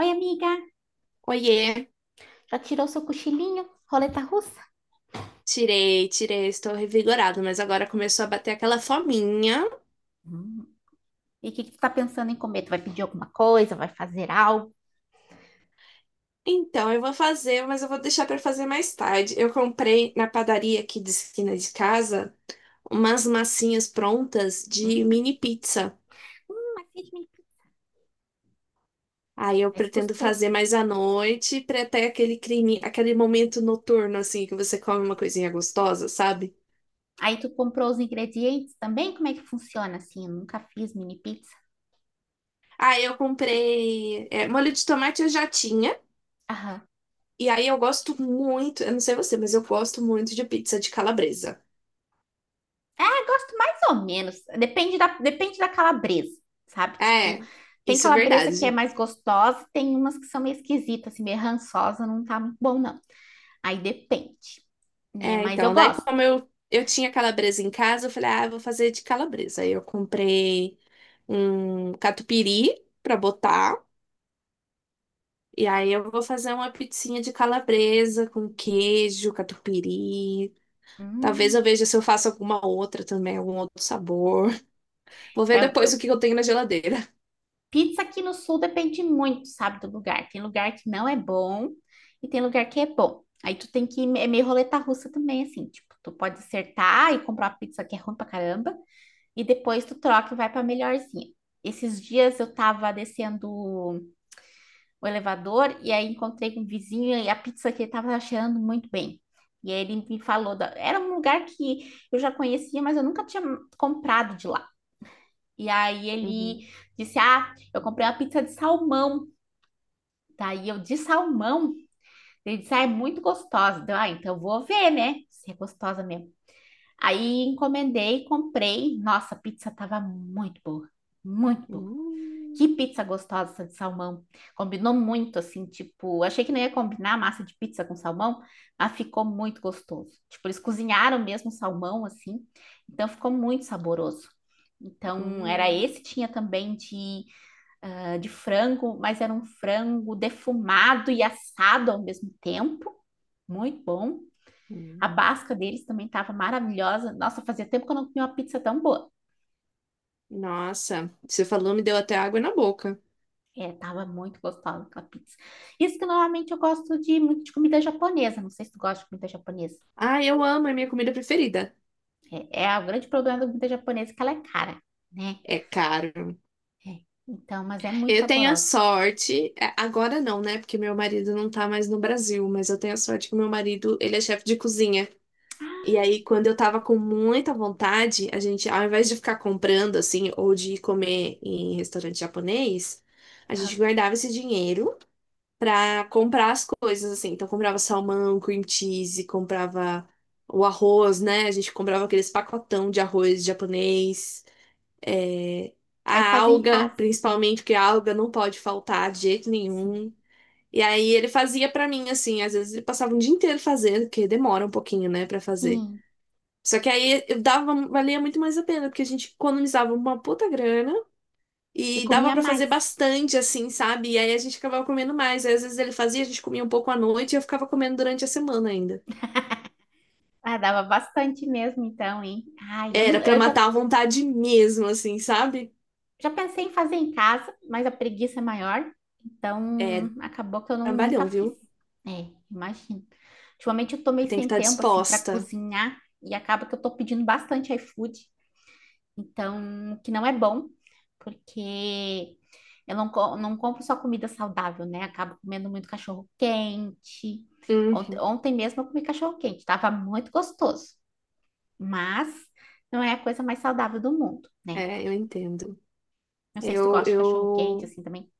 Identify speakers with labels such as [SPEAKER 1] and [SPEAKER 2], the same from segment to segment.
[SPEAKER 1] Oi, amiga,
[SPEAKER 2] Oiê,
[SPEAKER 1] já tirou seu cochilinho? Roleta russa?
[SPEAKER 2] tirei, tirei, estou revigorado, mas agora começou a bater aquela fominha.
[SPEAKER 1] Hum. E o que que tu tá pensando em comer? Tu vai pedir alguma coisa? Vai fazer algo?
[SPEAKER 2] Então eu vou fazer, mas eu vou deixar para fazer mais tarde. Eu comprei na padaria aqui de esquina de casa umas massinhas prontas de
[SPEAKER 1] Hum.
[SPEAKER 2] mini pizza.
[SPEAKER 1] Mas fez minha pizza.
[SPEAKER 2] Aí eu
[SPEAKER 1] Parece
[SPEAKER 2] pretendo fazer
[SPEAKER 1] gostoso.
[SPEAKER 2] mais à noite, para ter aquele crime, aquele momento noturno assim que você come uma coisinha gostosa, sabe?
[SPEAKER 1] Aí tu comprou os ingredientes também? Como é que funciona assim? Eu nunca fiz mini pizza.
[SPEAKER 2] Aí eu comprei molho de tomate eu já tinha.
[SPEAKER 1] Aham.
[SPEAKER 2] E aí eu gosto muito, eu não sei você, mas eu gosto muito de pizza de calabresa.
[SPEAKER 1] Ah, gosto mais ou menos. Depende da calabresa, sabe? Tipo,
[SPEAKER 2] É,
[SPEAKER 1] tem
[SPEAKER 2] isso é
[SPEAKER 1] calabresa que é
[SPEAKER 2] verdade.
[SPEAKER 1] mais gostosa, tem umas que são meio esquisitas, assim, meio rançosa, não tá muito bom, não. Aí depende, né?
[SPEAKER 2] É,
[SPEAKER 1] Mas eu
[SPEAKER 2] então, daí
[SPEAKER 1] gosto.
[SPEAKER 2] como eu tinha calabresa em casa, eu falei, ah, eu vou fazer de calabresa. Aí eu comprei um catupiry pra botar, e aí eu vou fazer uma pizzinha de calabresa com queijo, catupiry. Talvez eu
[SPEAKER 1] Hum.
[SPEAKER 2] veja se eu faço alguma outra também, algum outro sabor. Vou ver
[SPEAKER 1] É,
[SPEAKER 2] depois o
[SPEAKER 1] eu,
[SPEAKER 2] que eu tenho na geladeira.
[SPEAKER 1] pizza aqui no sul depende muito, sabe, do lugar. Tem lugar que não é bom e tem lugar que é bom. Aí tu tem que, é meio roleta russa também, assim, tipo, tu pode acertar e comprar uma pizza que é ruim pra caramba e depois tu troca e vai pra melhorzinha. Esses dias eu tava descendo o elevador e aí encontrei com um vizinho e a pizza que ele tava cheirando muito bem. E aí ele me falou, da... era um lugar que eu já conhecia, mas eu nunca tinha comprado de lá. E aí
[SPEAKER 2] Uhum.
[SPEAKER 1] ele disse, ah, eu comprei uma pizza de salmão. Tá, e eu de salmão. Ele disse, ah, é muito gostosa. Deu, ah, então vou ver, né? Se é gostosa mesmo. Aí encomendei, comprei. Nossa, a pizza tava muito boa. Muito boa.
[SPEAKER 2] Hum,
[SPEAKER 1] Que pizza gostosa essa de salmão. Combinou muito, assim, tipo, achei que não ia combinar massa de pizza com salmão, mas ficou muito gostoso. Tipo, eles cozinharam mesmo o salmão, assim, então ficou muito saboroso. Então, era
[SPEAKER 2] hum,
[SPEAKER 1] esse, tinha também de ah, de frango, mas era um frango defumado e assado ao mesmo tempo. Muito bom. A
[SPEAKER 2] hum.
[SPEAKER 1] basca deles também estava maravilhosa. Nossa, fazia tempo que eu não comia uma pizza tão boa.
[SPEAKER 2] Nossa, você falou, me deu até água na boca.
[SPEAKER 1] É, tava muito gostosa aquela pizza. Isso que normalmente eu gosto de muito de comida japonesa. Não sei se tu gosta de comida japonesa.
[SPEAKER 2] Ah, eu amo, é minha comida preferida.
[SPEAKER 1] É, é o grande problema da comida japonesa é que ela é cara, né?
[SPEAKER 2] É caro.
[SPEAKER 1] É. Então, mas é muito
[SPEAKER 2] Eu tenho a
[SPEAKER 1] saborosa.
[SPEAKER 2] sorte, agora não, né? Porque meu marido não tá mais no Brasil, mas eu tenho a sorte que meu marido, ele é chefe de cozinha. E aí, quando eu tava com muita vontade, a gente, ao invés de ficar comprando assim, ou de ir comer em restaurante japonês, a
[SPEAKER 1] Ah,
[SPEAKER 2] gente guardava esse dinheiro pra comprar as coisas assim. Então, comprava salmão, cream cheese, comprava o arroz, né? A gente comprava aqueles pacotão de arroz japonês, é,
[SPEAKER 1] aí
[SPEAKER 2] a
[SPEAKER 1] fazia em
[SPEAKER 2] alga,
[SPEAKER 1] casa.
[SPEAKER 2] principalmente, porque a alga não pode faltar de jeito
[SPEAKER 1] Sim,
[SPEAKER 2] nenhum. E aí ele fazia pra mim assim, às vezes ele passava um dia inteiro fazendo, porque demora um pouquinho, né, pra fazer.
[SPEAKER 1] sim.
[SPEAKER 2] Só que aí eu dava, valia muito mais a pena, porque a gente economizava uma puta grana
[SPEAKER 1] E
[SPEAKER 2] e dava
[SPEAKER 1] comia
[SPEAKER 2] pra fazer
[SPEAKER 1] mais.
[SPEAKER 2] bastante, assim, sabe? E aí a gente acabava comendo mais. Aí às vezes ele fazia, a gente comia um pouco à noite e eu ficava comendo durante a semana ainda.
[SPEAKER 1] Ah, dava bastante mesmo, então, hein? Ai, eu,
[SPEAKER 2] Era
[SPEAKER 1] não,
[SPEAKER 2] pra
[SPEAKER 1] eu já,
[SPEAKER 2] matar a vontade mesmo, assim, sabe?
[SPEAKER 1] já pensei em fazer em casa, mas a preguiça é maior,
[SPEAKER 2] É
[SPEAKER 1] então acabou que eu nunca
[SPEAKER 2] trabalhão,
[SPEAKER 1] fiz.
[SPEAKER 2] viu?
[SPEAKER 1] É, imagino. Ultimamente eu tô meio
[SPEAKER 2] Tem que
[SPEAKER 1] sem
[SPEAKER 2] estar
[SPEAKER 1] tempo, assim, para
[SPEAKER 2] disposta.
[SPEAKER 1] cozinhar, e acaba que eu tô pedindo bastante iFood, então, o que não é bom, porque eu não, não compro só comida saudável, né? Acabo comendo muito cachorro quente. Ontem,
[SPEAKER 2] Uhum.
[SPEAKER 1] ontem mesmo eu comi cachorro quente, tava muito gostoso. Mas não é a coisa mais saudável do mundo, né?
[SPEAKER 2] É, eu entendo.
[SPEAKER 1] Não sei se tu gosta de cachorro quente
[SPEAKER 2] Eu
[SPEAKER 1] assim também.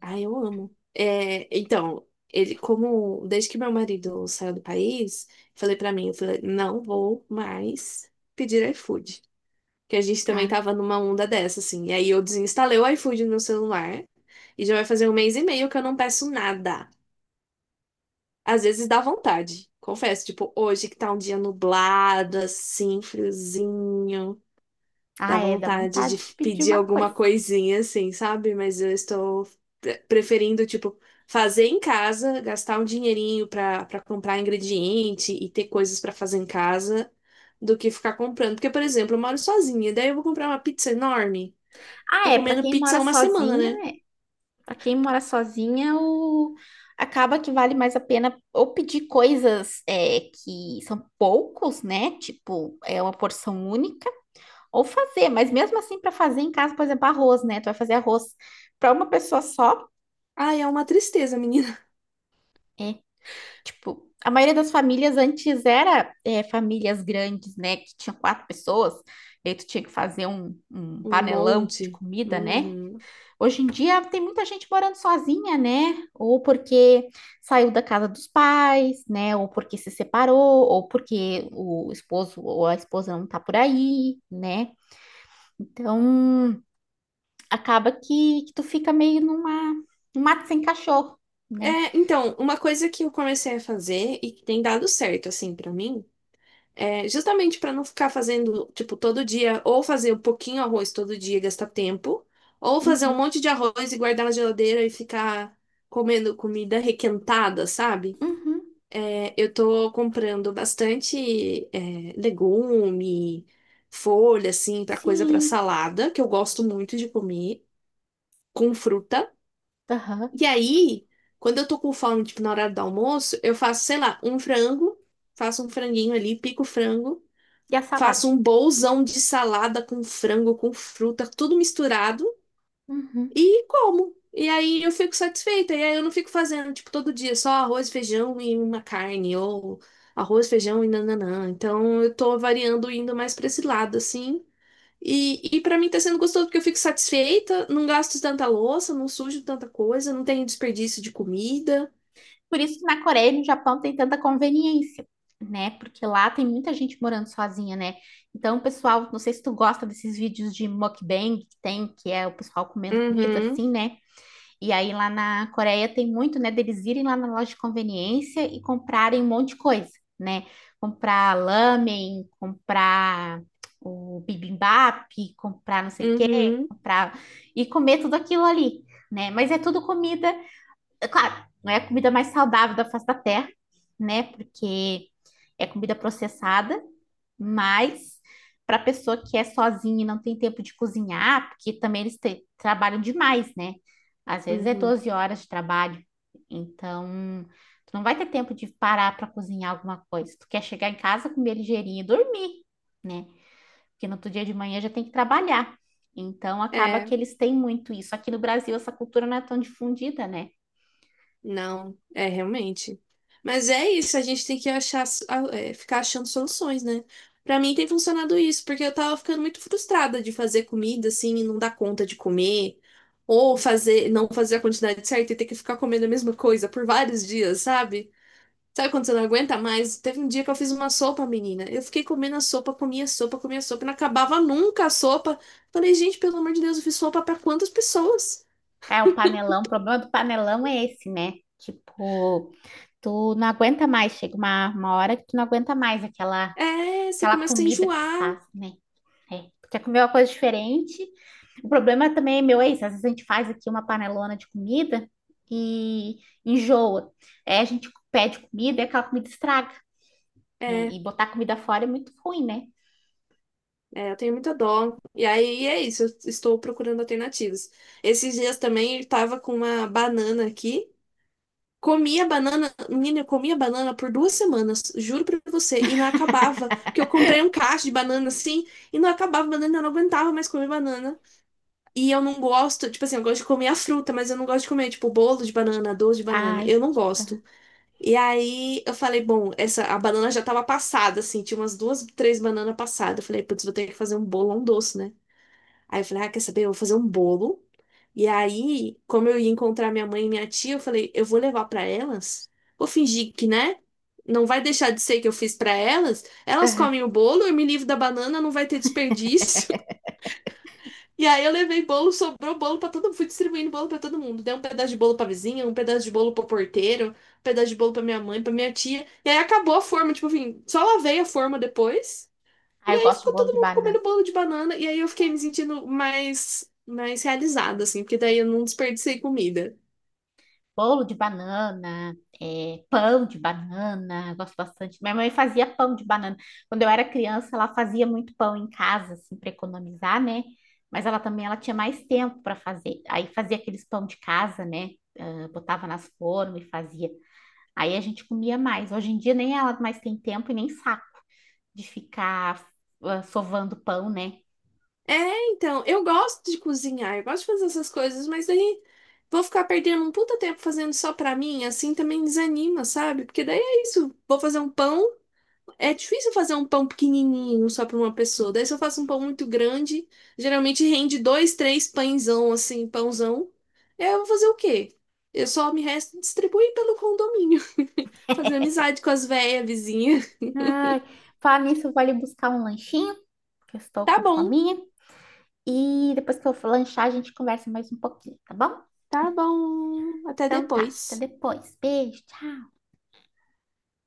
[SPEAKER 2] Ah, eu amo. É, então, ele, como desde que meu marido saiu do país, falei pra mim, eu falei, não vou mais pedir iFood. Que a gente também
[SPEAKER 1] Ah,
[SPEAKER 2] tava numa onda dessa, assim. E aí eu desinstalei o iFood no meu celular e já vai fazer um mês e meio que eu não peço nada. Às vezes dá vontade, confesso. Tipo, hoje que tá um dia nublado, assim, friozinho.
[SPEAKER 1] ah,
[SPEAKER 2] Dá
[SPEAKER 1] é, dá
[SPEAKER 2] vontade de
[SPEAKER 1] vontade de pedir
[SPEAKER 2] pedir
[SPEAKER 1] uma
[SPEAKER 2] alguma
[SPEAKER 1] coisa.
[SPEAKER 2] coisinha assim, sabe? Mas eu estou preferindo, tipo, fazer em casa, gastar um dinheirinho para comprar ingrediente e ter coisas para fazer em casa, do que ficar comprando. Porque, por exemplo, eu moro sozinha, daí eu vou comprar uma pizza enorme,
[SPEAKER 1] Ah,
[SPEAKER 2] ficar
[SPEAKER 1] é, pra
[SPEAKER 2] comendo
[SPEAKER 1] quem
[SPEAKER 2] pizza
[SPEAKER 1] mora
[SPEAKER 2] uma semana,
[SPEAKER 1] sozinha,
[SPEAKER 2] né?
[SPEAKER 1] né? Pra quem mora sozinha, o... acaba que vale mais a pena ou pedir coisas é, que são poucos, né? Tipo, é uma porção única, ou fazer, mas mesmo assim, para fazer em casa, por exemplo, arroz, né? Tu vai fazer arroz para uma pessoa só,
[SPEAKER 2] Ai, é uma tristeza, menina.
[SPEAKER 1] é, tipo, a maioria das famílias antes era é, famílias grandes, né? Que tinha quatro pessoas, e aí tu tinha que fazer um
[SPEAKER 2] Um
[SPEAKER 1] panelão de
[SPEAKER 2] monte.
[SPEAKER 1] comida, né?
[SPEAKER 2] Uhum.
[SPEAKER 1] Hoje em dia tem muita gente morando sozinha, né? Ou porque saiu da casa dos pais, né? Ou porque se separou, ou porque o esposo ou a esposa não tá por aí, né? Então acaba que tu fica meio numa, num mato sem cachorro, né?
[SPEAKER 2] É, então, uma coisa que eu comecei a fazer e que tem dado certo, assim, pra mim. É, justamente para não ficar fazendo, tipo, todo dia, ou fazer um pouquinho arroz todo dia e gastar tempo, ou fazer um
[SPEAKER 1] Uhum,
[SPEAKER 2] monte de arroz e guardar na geladeira e ficar comendo comida requentada, sabe?
[SPEAKER 1] uhum,
[SPEAKER 2] Eu tô comprando bastante, legume, folha, assim, pra coisa pra
[SPEAKER 1] sim.
[SPEAKER 2] salada, que eu gosto muito de comer, com fruta.
[SPEAKER 1] Aham.
[SPEAKER 2] E aí, quando eu tô com fome, tipo, na hora do almoço, eu faço, sei lá, um frango, faço um franguinho ali, pico o frango.
[SPEAKER 1] E a salada.
[SPEAKER 2] Faço um bolzão de salada com frango, com fruta, tudo misturado
[SPEAKER 1] Uhum.
[SPEAKER 2] e como. E aí eu fico satisfeita. E aí eu não fico fazendo, tipo, todo dia só arroz, feijão e uma carne, ou arroz, feijão e nananã. Então eu tô variando, indo mais pra esse lado, assim. E para mim tá sendo gostoso porque eu fico satisfeita, não gasto tanta louça, não sujo tanta coisa, não tenho desperdício de comida.
[SPEAKER 1] Por isso que na Coreia e no Japão tem tanta conveniência, né? Porque lá tem muita gente morando sozinha, né? Então, pessoal, não sei se tu gosta desses vídeos de mukbang que tem, que é o pessoal comendo comida
[SPEAKER 2] Uhum,
[SPEAKER 1] assim, né? E aí lá na Coreia tem muito, né, deles irem lá na loja de conveniência e comprarem um monte de coisa, né? Comprar lamen, comprar o bibimbap, comprar não sei o quê,
[SPEAKER 2] uhum,
[SPEAKER 1] comprar e comer tudo aquilo ali, né? Mas é tudo comida é claro, não é a comida mais saudável da face da terra, né? Porque é comida processada, mas para pessoa que é sozinha e não tem tempo de cozinhar, porque também eles trabalham demais, né? Às vezes é
[SPEAKER 2] uhum.
[SPEAKER 1] 12 horas de trabalho, então tu não vai ter tempo de parar para cozinhar alguma coisa. Tu quer chegar em casa, comer ligeirinho e dormir, né? Porque no outro dia de manhã já tem que trabalhar. Então acaba
[SPEAKER 2] É.
[SPEAKER 1] que eles têm muito isso. Aqui no Brasil essa cultura não é tão difundida, né?
[SPEAKER 2] Não, é realmente. Mas é isso, a gente tem que achar, ficar achando soluções, né? Pra mim tem funcionado isso, porque eu tava ficando muito frustrada de fazer comida assim e não dar conta de comer, ou fazer, não fazer a quantidade certa e ter que ficar comendo a mesma coisa por vários dias, sabe? Sabe quando você não aguenta mais? Teve um dia que eu fiz uma sopa, menina. Eu fiquei comendo a sopa, comia a sopa, comia a sopa, e não acabava nunca a sopa. Falei, gente, pelo amor de Deus, eu fiz sopa pra quantas pessoas?
[SPEAKER 1] É, o panelão, o problema do panelão é esse, né? Tipo, tu não aguenta mais, chega uma hora que tu não aguenta mais aquela,
[SPEAKER 2] É, você
[SPEAKER 1] aquela
[SPEAKER 2] começa a
[SPEAKER 1] comida que tu
[SPEAKER 2] enjoar.
[SPEAKER 1] faz, né? É, tu quer comer uma coisa diferente. O problema também é meu, é isso. Às vezes a gente faz aqui uma panelona de comida e enjoa. É, a gente pede comida e aquela comida estraga, né?
[SPEAKER 2] É.
[SPEAKER 1] E botar comida fora é muito ruim, né?
[SPEAKER 2] É, eu tenho muita dó. E aí é isso, eu estou procurando alternativas. Esses dias também eu tava com uma banana aqui. Comia banana, menina, eu comia banana por duas semanas, juro pra você, e não acabava. Porque eu comprei um caixa de banana assim, e não acabava banana, eu não aguentava mais comer banana. E eu não gosto, tipo assim, eu gosto de comer a fruta, mas eu não gosto de comer, tipo, bolo de banana, doce de banana.
[SPEAKER 1] Ai,
[SPEAKER 2] Eu não gosto. E aí eu falei, bom, essa a banana já tava passada, assim, tinha umas duas, três bananas passadas. Eu falei, putz, vou ter que fazer um bolão doce, né? Aí eu falei, ah, quer saber? Eu vou fazer um bolo. E aí, como eu ia encontrar minha mãe e minha tia, eu falei, eu vou levar pra elas. Vou fingir que, né? Não vai deixar de ser que eu fiz pra elas. Elas
[SPEAKER 1] aham.
[SPEAKER 2] comem o bolo, eu me livro da banana, não vai ter desperdício. E aí eu levei bolo, sobrou bolo pra todo mundo, fui distribuindo bolo pra todo mundo. Dei um pedaço de bolo pra vizinha, um pedaço de bolo pro porteiro, um pedaço de bolo pra minha mãe, pra minha tia. E aí acabou a forma, tipo, enfim, só lavei a forma depois. E
[SPEAKER 1] Ai, eu
[SPEAKER 2] aí
[SPEAKER 1] gosto de
[SPEAKER 2] ficou
[SPEAKER 1] bolo
[SPEAKER 2] todo
[SPEAKER 1] de
[SPEAKER 2] mundo
[SPEAKER 1] banana.
[SPEAKER 2] comendo bolo de banana, e aí eu fiquei me sentindo mais realizada, assim, porque daí eu não desperdicei comida.
[SPEAKER 1] Bolo de banana, é, pão de banana, gosto bastante. Minha mãe fazia pão de banana. Quando eu era criança, ela fazia muito pão em casa, assim, para economizar, né? Mas ela também ela tinha mais tempo para fazer. Aí fazia aqueles pão de casa, né? Ah, botava nas formas e fazia. Aí a gente comia mais. Hoje em dia nem ela mais tem tempo e nem saco de ficar sovando pão, né?
[SPEAKER 2] É, então, eu gosto de cozinhar, eu gosto de fazer essas coisas, mas daí vou ficar perdendo um puta tempo fazendo só pra mim, assim também desanima, sabe? Porque daí é isso, vou fazer um pão. É difícil fazer um pão pequenininho só para uma pessoa. Daí se eu faço um pão muito grande, geralmente rende dois, três pãezão assim, pãozão. E aí eu vou fazer o quê? Eu só me resto distribuir pelo condomínio, fazer amizade com as véias vizinhas.
[SPEAKER 1] Ai, falar nisso, eu vou ali buscar um lanchinho, que eu estou
[SPEAKER 2] Tá
[SPEAKER 1] com
[SPEAKER 2] bom,
[SPEAKER 1] fome. E depois que eu for lanchar, a gente conversa mais um pouquinho, tá bom?
[SPEAKER 2] tá bom. Até
[SPEAKER 1] Então tá, até
[SPEAKER 2] depois.
[SPEAKER 1] depois. Beijo, tchau.